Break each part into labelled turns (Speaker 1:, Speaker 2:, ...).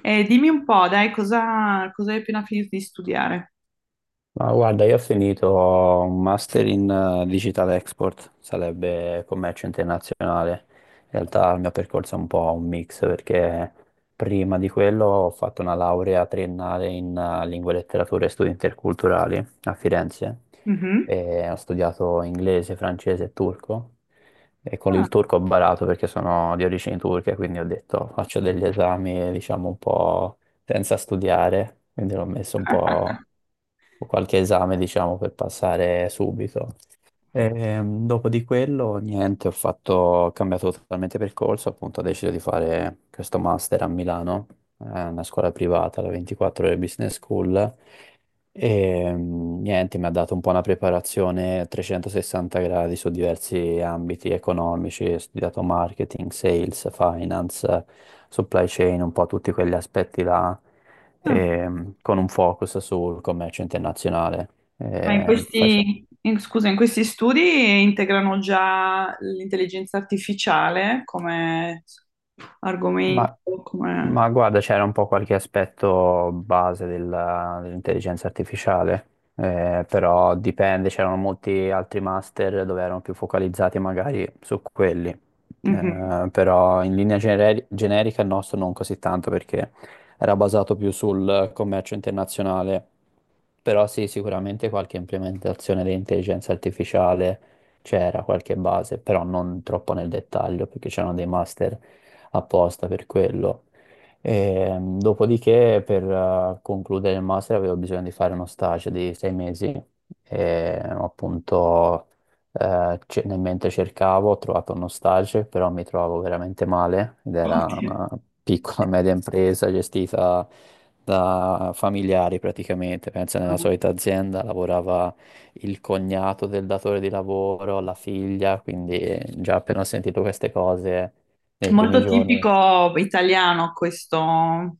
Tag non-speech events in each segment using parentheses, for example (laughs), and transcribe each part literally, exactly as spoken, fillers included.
Speaker 1: E dimmi un po', dai, cosa, cosa hai appena finito di studiare?
Speaker 2: Ma guarda, io ho finito un master in eh, Digital Export, sarebbe commercio internazionale. In realtà il mio percorso è un po' un mix perché prima di quello ho fatto una laurea triennale in eh, lingue, letterature e studi interculturali a Firenze,
Speaker 1: Mhm.
Speaker 2: e ho studiato inglese, francese e turco, e con
Speaker 1: Ah,
Speaker 2: il turco ho barato perché sono di origini turche, quindi ho detto faccio degli esami, diciamo, un po' senza studiare, quindi l'ho messo un po', o qualche esame, diciamo, per passare subito. Ehm, dopo di quello, niente, ho fatto, ho cambiato totalmente percorso, appunto ho deciso di fare questo master a Milano, eh, una scuola privata, la 24 ore Business School, e mm, niente, mi ha dato un po' una preparazione a trecentosessanta gradi su diversi ambiti economici, ho studiato marketing, sales, finance, supply chain, un po' tutti quegli aspetti là,
Speaker 1: ah.
Speaker 2: ehm, con un focus sul commercio internazionale.
Speaker 1: Ma in
Speaker 2: Eh, face-
Speaker 1: questi, in- scusa, in questi studi integrano già l'intelligenza artificiale come
Speaker 2: Ma,
Speaker 1: argomento, come...
Speaker 2: ma guarda, c'era un po' qualche aspetto base della- dell'intelligenza artificiale, eh, però dipende, c'erano molti altri master dove erano più focalizzati magari su quelli,
Speaker 1: Mhm.
Speaker 2: eh, però in linea generi- generica il nostro non così tanto perché era basato più sul commercio internazionale, però sì, sicuramente qualche implementazione di intelligenza artificiale c'era, qualche base, però non troppo nel dettaglio, perché c'erano dei master apposta per quello. E, mm, dopodiché, per eh, concludere il master, avevo bisogno di fare uno stage di sei mesi, e appunto eh, ce- nel mentre cercavo ho trovato uno stage, però mi trovavo veramente male, ed era
Speaker 1: Ottimo.
Speaker 2: una piccola media impresa gestita da familiari praticamente, pensa, nella solita azienda lavorava il cognato del datore di lavoro, la figlia, quindi già appena ho sentito queste cose nei primi
Speaker 1: Molto
Speaker 2: giorni,
Speaker 1: tipico italiano questo,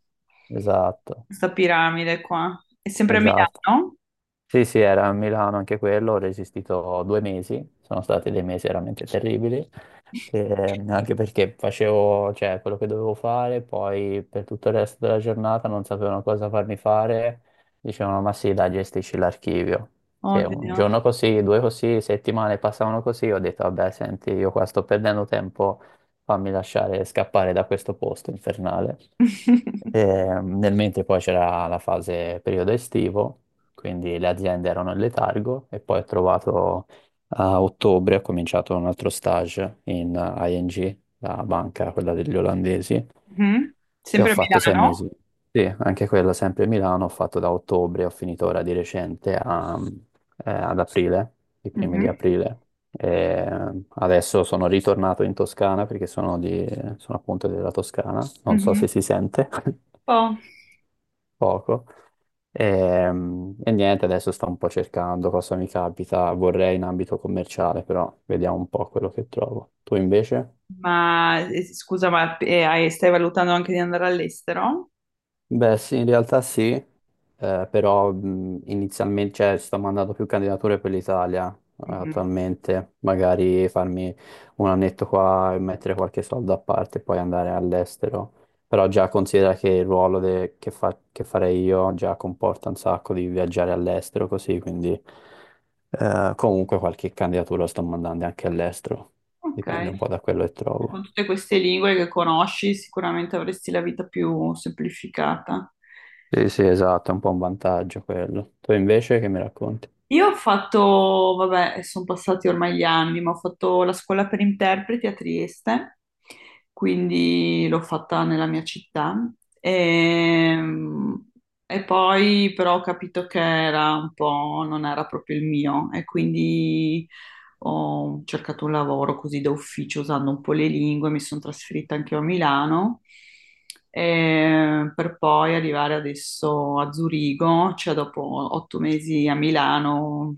Speaker 2: esatto,
Speaker 1: questa piramide qua. È sempre a
Speaker 2: esatto.
Speaker 1: Milano?
Speaker 2: Sì, sì, era a Milano anche quello, ho resistito due mesi, sono stati dei mesi veramente terribili. Eh, anche perché facevo, cioè, quello che dovevo fare, poi per tutto il resto della giornata non sapevano cosa farmi fare, dicevano ma sì, dai, gestisci l'archivio. Che un
Speaker 1: Oddio.
Speaker 2: giorno così, due così, settimane passavano così, ho detto vabbè, senti, io qua sto perdendo tempo, fammi lasciare scappare da questo posto infernale.
Speaker 1: (laughs)
Speaker 2: Eh, nel mentre poi c'era la fase periodo estivo, quindi le aziende erano in letargo, e poi ho trovato, a ottobre ho cominciato un altro stage in eh, I N G, la banca, quella degli olandesi,
Speaker 1: Mhm.
Speaker 2: e ho
Speaker 1: Sempre a
Speaker 2: fatto sei
Speaker 1: Milano?
Speaker 2: mesi. Sì, anche quella sempre a Milano, ho fatto da ottobre, ho finito ora di recente a- eh, ad aprile, i primi di
Speaker 1: Mhm.
Speaker 2: aprile. E eh, adesso sono ritornato in Toscana perché sono, di, sono appunto della Toscana, non so
Speaker 1: Mhm.
Speaker 2: se si sente
Speaker 1: Oh.
Speaker 2: (laughs) poco. Ehm, E, niente, adesso sto un po' cercando cosa mi capita, vorrei in ambito commerciale, però vediamo un po' quello che trovo. Tu invece?
Speaker 1: Ma eh, scusa, ma eh, hai- stai valutando anche di andare all'estero?
Speaker 2: Beh, sì, in realtà sì. Eh, però mh, inizialmente, cioè, sto mandando più candidature per l'Italia, eh,
Speaker 1: Mhm.
Speaker 2: attualmente, magari farmi un annetto qua e mettere qualche soldo a parte e poi andare all'estero. Però già considera che il ruolo de- che, fa- che farei io già comporta un sacco di viaggiare all'estero così, quindi eh, comunque qualche candidatura sto mandando anche all'estero,
Speaker 1: Ok,
Speaker 2: dipende un po' da quello che trovo.
Speaker 1: con tutte queste lingue che conosci, sicuramente avresti la vita più semplificata.
Speaker 2: Sì, sì, esatto, è un po' un vantaggio quello. Tu invece che mi racconti?
Speaker 1: Io ho fatto, vabbè, sono passati ormai gli anni, ma ho fatto la scuola per interpreti a Trieste, quindi l'ho fatta nella mia città. Ehm, E, poi però ho capito che era un po', non era proprio il mio, e quindi ho cercato un lavoro così da ufficio usando un po' le lingue, mi sono trasferita anche io a Milano, eh, per poi arrivare adesso a Zurigo, cioè dopo otto mesi a Milano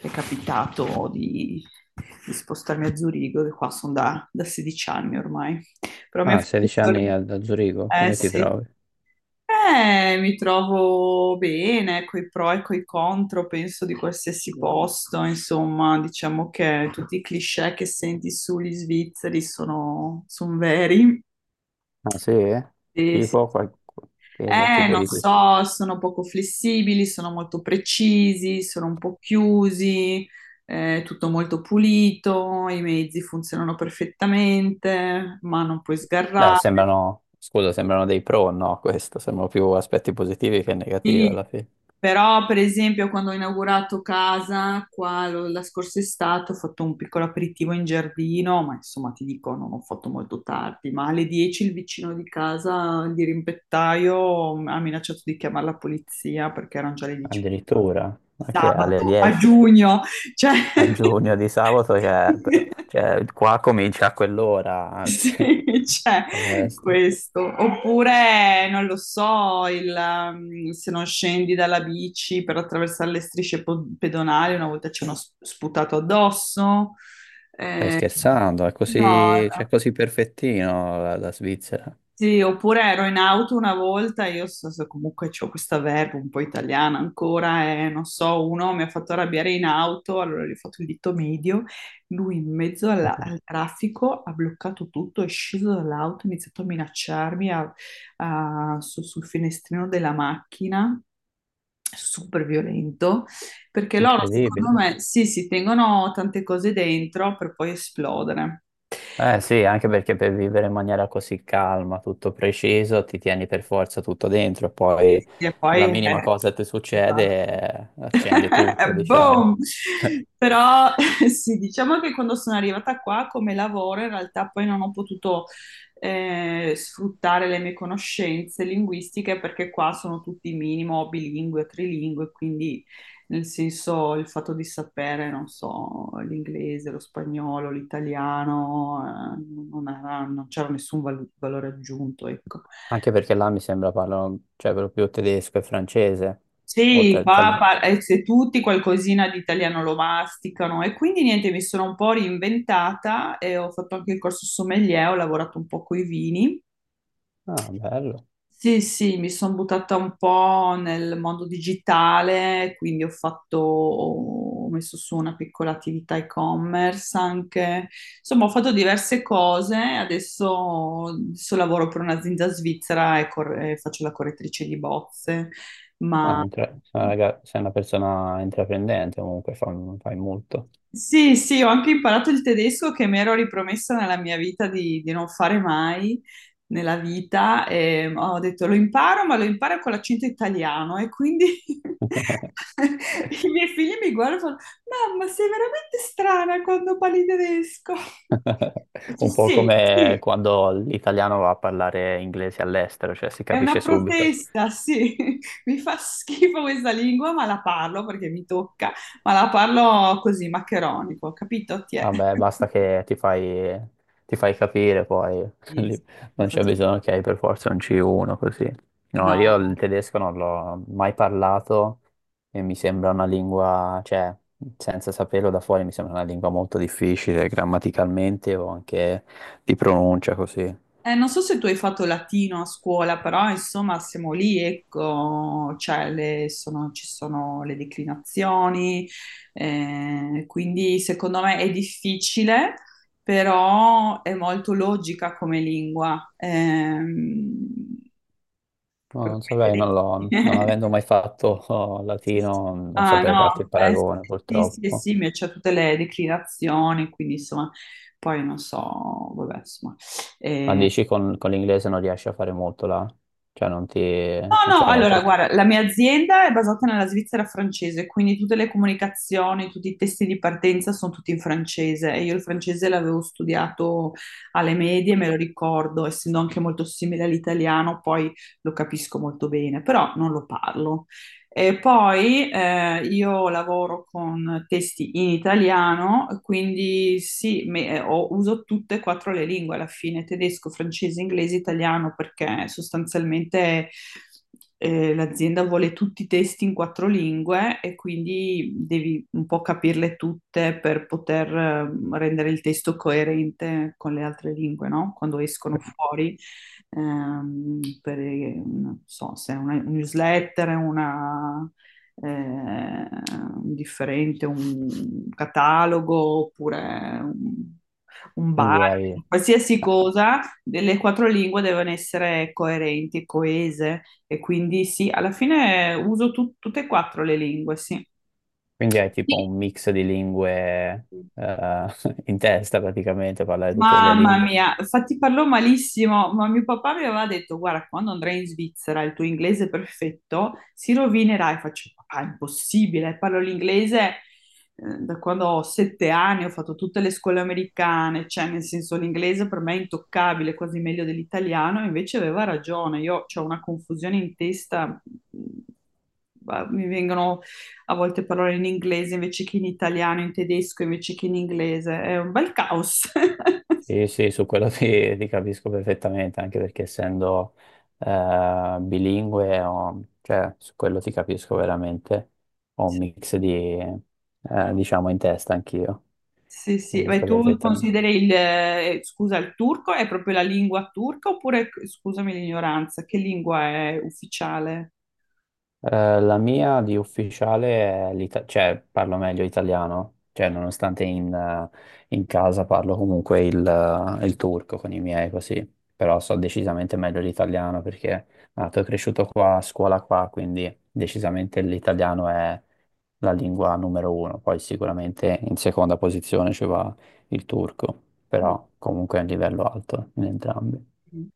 Speaker 1: è capitato di, di spostarmi a Zurigo, che qua sono da, da sedici anni ormai. Però mi ha
Speaker 2: Ah,
Speaker 1: fatto
Speaker 2: sedici
Speaker 1: solo...
Speaker 2: anni a, a Zurigo,
Speaker 1: Eh
Speaker 2: come ti
Speaker 1: sì,
Speaker 2: trovi?
Speaker 1: eh, mi trovo bene coi pro e coi contro, penso di qualsiasi posto, insomma, diciamo che tutti i cliché che senti sugli svizzeri sono, son veri.
Speaker 2: Ah, sì?
Speaker 1: Sì, sì.
Speaker 2: Tipo qual- che
Speaker 1: Eh,
Speaker 2: tipo
Speaker 1: non
Speaker 2: di questo?
Speaker 1: so, sono poco flessibili, sono molto precisi, sono un po' chiusi, eh, tutto molto pulito, i mezzi funzionano perfettamente, ma non puoi
Speaker 2: Beh,
Speaker 1: sgarrare.
Speaker 2: sembrano, scusa, sembrano dei pro, no, questo, sembrano più aspetti positivi che negativi alla fine.
Speaker 1: Però, per esempio, quando ho inaugurato casa qua lo- la scorsa estate, ho fatto un piccolo aperitivo in giardino, ma insomma ti dico, non ho fatto molto tardi, ma alle dieci il vicino di casa, il dirimpettaio, ha minacciato di chiamare la polizia perché erano già le dieci
Speaker 2: Addirittura,
Speaker 1: di
Speaker 2: ma che alle
Speaker 1: sabato a
Speaker 2: dieci?
Speaker 1: giugno, cioè...
Speaker 2: A giugno di sabato, cioè, beh,
Speaker 1: (laughs)
Speaker 2: cioè, qua comincia a quell'ora,
Speaker 1: (laughs) Sì,
Speaker 2: anzi,
Speaker 1: c'è
Speaker 2: (laughs) la festa.
Speaker 1: questo. Oppure, non lo so, il, um, se non scendi dalla bici per attraversare le strisce po- pedonali, una volta ci hanno sp- sputato addosso.
Speaker 2: Stai
Speaker 1: Eh,
Speaker 2: scherzando, è
Speaker 1: no,
Speaker 2: così, cioè,
Speaker 1: no.
Speaker 2: così perfettino la, la Svizzera.
Speaker 1: Sì, oppure ero in auto una volta, io so, so- comunque ho questa verba un po' italiana ancora, e non so, uno mi ha fatto arrabbiare in auto, allora gli ho fatto il dito medio, lui in mezzo alla-
Speaker 2: (laughs)
Speaker 1: al traffico ha bloccato tutto, è sceso dall'auto, ha iniziato a minacciarmi a- a- su- sul finestrino della macchina, super violento, perché loro secondo
Speaker 2: Incredibile.
Speaker 1: me sì, si tengono tante cose dentro per poi esplodere.
Speaker 2: Eh sì, anche perché per vivere in maniera così calma, tutto preciso, ti tieni per forza tutto dentro,
Speaker 1: Sì,
Speaker 2: poi
Speaker 1: sì. E poi...
Speaker 2: la minima
Speaker 1: eh,
Speaker 2: cosa che ti
Speaker 1: esatto.
Speaker 2: succede eh, accende tutto,
Speaker 1: (laughs) Boom!
Speaker 2: diciamo. (laughs)
Speaker 1: Però sì, diciamo che quando sono arrivata qua come lavoro, in realtà poi non ho potuto eh, sfruttare le mie conoscenze linguistiche perché qua sono tutti minimo bilingue, trilingue, quindi nel senso il fatto di sapere, non so, l'inglese, lo spagnolo, l'italiano, eh, non era- non c'era nessun val- valore aggiunto, ecco.
Speaker 2: Anche perché là mi sembra parlano, cioè, per lo più tedesco e francese, oltre
Speaker 1: Sì, qua
Speaker 2: all'italiano.
Speaker 1: par- eh, se tutti qualcosina di italiano lo masticano e quindi niente, mi sono un po' reinventata e ho fatto anche il corso sommelier, ho lavorato un po' con i vini.
Speaker 2: Ah, bello.
Speaker 1: Sì, sì, mi sono buttata un po' nel mondo digitale, quindi ho fatto, ho messo su una piccola attività e-commerce anche, insomma ho fatto diverse cose, adesso, adesso lavoro per un'azienda svizzera e, cor- e faccio la correttrice di bozze,
Speaker 2: Ah,
Speaker 1: ma...
Speaker 2: intra- sei, una raga- sei una persona intraprendente, comunque fa- fai molto.
Speaker 1: Sì, sì, ho anche imparato il tedesco che mi ero ripromessa nella mia vita di, di, non fare mai nella vita. E ho detto lo imparo, ma lo imparo con l'accento italiano e quindi (laughs) i miei figli mi guardano e fanno, mamma, sei veramente strana quando parli tedesco.
Speaker 2: (laughs) Un po'
Speaker 1: Sì,
Speaker 2: come
Speaker 1: sì,
Speaker 2: quando l'italiano va a parlare inglese all'estero, cioè si
Speaker 1: è una
Speaker 2: capisce subito.
Speaker 1: protesta, sì. (laughs) Mi fa schifo questa lingua, ma la parlo perché mi tocca, ma la parlo così, maccheronico, capito? Ti è?
Speaker 2: Vabbè, basta
Speaker 1: (laughs)
Speaker 2: che ti fai, ti fai capire poi, (laughs)
Speaker 1: Sì, sì,
Speaker 2: lì
Speaker 1: mi
Speaker 2: non c'è
Speaker 1: faccio-
Speaker 2: bisogno che hai per forza un C uno così. No, io
Speaker 1: No,
Speaker 2: il
Speaker 1: no.
Speaker 2: tedesco non l'ho mai parlato e mi sembra una lingua, cioè, senza saperlo da fuori mi sembra una lingua molto difficile grammaticalmente o anche di pronuncia così.
Speaker 1: Eh, non so se tu hai fatto latino a scuola, però insomma siamo lì, ecco, cioè, le- sono- ci sono le declinazioni, eh, quindi secondo me è difficile, però è molto logica come lingua. Ehm,
Speaker 2: No,
Speaker 1: proprio
Speaker 2: non saprei,
Speaker 1: come
Speaker 2: non
Speaker 1: i
Speaker 2: l'ho, non avendo
Speaker 1: tedeschi. (laughs)
Speaker 2: mai fatto (laughs) oh, latino, non
Speaker 1: Ah
Speaker 2: saprei farti il
Speaker 1: no, eh,
Speaker 2: paragone
Speaker 1: sì, sì,
Speaker 2: purtroppo.
Speaker 1: sì, mi c'è tutte le declinazioni, quindi insomma, poi non so, vabbè, insomma.
Speaker 2: Ma
Speaker 1: Eh,
Speaker 2: dici con, con l'inglese non riesci a fare molto là? Cioè non ti, non
Speaker 1: no, no,
Speaker 2: c'è molta...
Speaker 1: allora, guarda, la mia azienda è basata nella Svizzera francese, quindi tutte le comunicazioni, tutti i testi di partenza sono tutti in francese e io il francese l'avevo studiato alle medie, me lo ricordo, essendo anche molto simile all'italiano, poi lo capisco molto bene, però non lo parlo. E poi eh, io lavoro con testi in italiano, quindi sì, me- eh, ho- uso tutte e quattro le lingue alla fine, tedesco, francese, inglese, italiano, perché sostanzialmente eh, l'azienda vuole tutti i testi in quattro lingue e quindi devi un po' capirle tutte per poter eh, rendere il testo coerente con le altre lingue, no? Quando escono fuori ehm, per, non so se è una newsletter, una, eh, un differente, un catalogo oppure un, un, bar,
Speaker 2: Quindi hai,
Speaker 1: qualsiasi
Speaker 2: eh,
Speaker 1: cosa, le quattro lingue devono essere coerenti, coese e quindi sì, alla fine uso tut- tutte e quattro le lingue, sì.
Speaker 2: quindi hai tipo un mix di lingue
Speaker 1: Sì.
Speaker 2: eh, (laughs) in testa praticamente, parlare tutte le
Speaker 1: Mamma
Speaker 2: lingue.
Speaker 1: mia, infatti parlo malissimo, ma mio papà mi aveva detto, guarda, quando andrai in Svizzera il tuo inglese perfetto si rovinerà e faccio, papà, è impossibile, parlo l'inglese eh, da quando ho sette anni, ho fatto tutte le scuole americane, cioè nel senso l'inglese per me è intoccabile, quasi meglio dell'italiano, e invece aveva ragione, io ho una confusione in testa, ma mi vengono a volte parole in inglese invece che in italiano, in tedesco invece che in inglese, è un bel caos. (laughs)
Speaker 2: Sì, sì, su quello ti, ti capisco perfettamente, anche perché essendo eh, bilingue, ho- cioè su quello ti capisco veramente, ho un mix di, eh, diciamo, in testa anch'io,
Speaker 1: Sì, sì, ma
Speaker 2: capisco
Speaker 1: tu
Speaker 2: perfettamente.
Speaker 1: consideri il, eh, scusa, il turco è proprio la lingua turca oppure, scusami l'ignoranza, che lingua è ufficiale?
Speaker 2: Eh, la mia di ufficiale è l'ita- cioè parlo meglio italiano, cioè nonostante in, eh, in casa parlo comunque il, eh, il turco con i miei così, però so decisamente meglio l'italiano perché nato e cresciuto qua, a scuola qua, quindi decisamente l'italiano è la lingua numero uno, poi sicuramente in seconda posizione ci va il turco, però comunque è un livello alto in entrambi.
Speaker 1: Ok.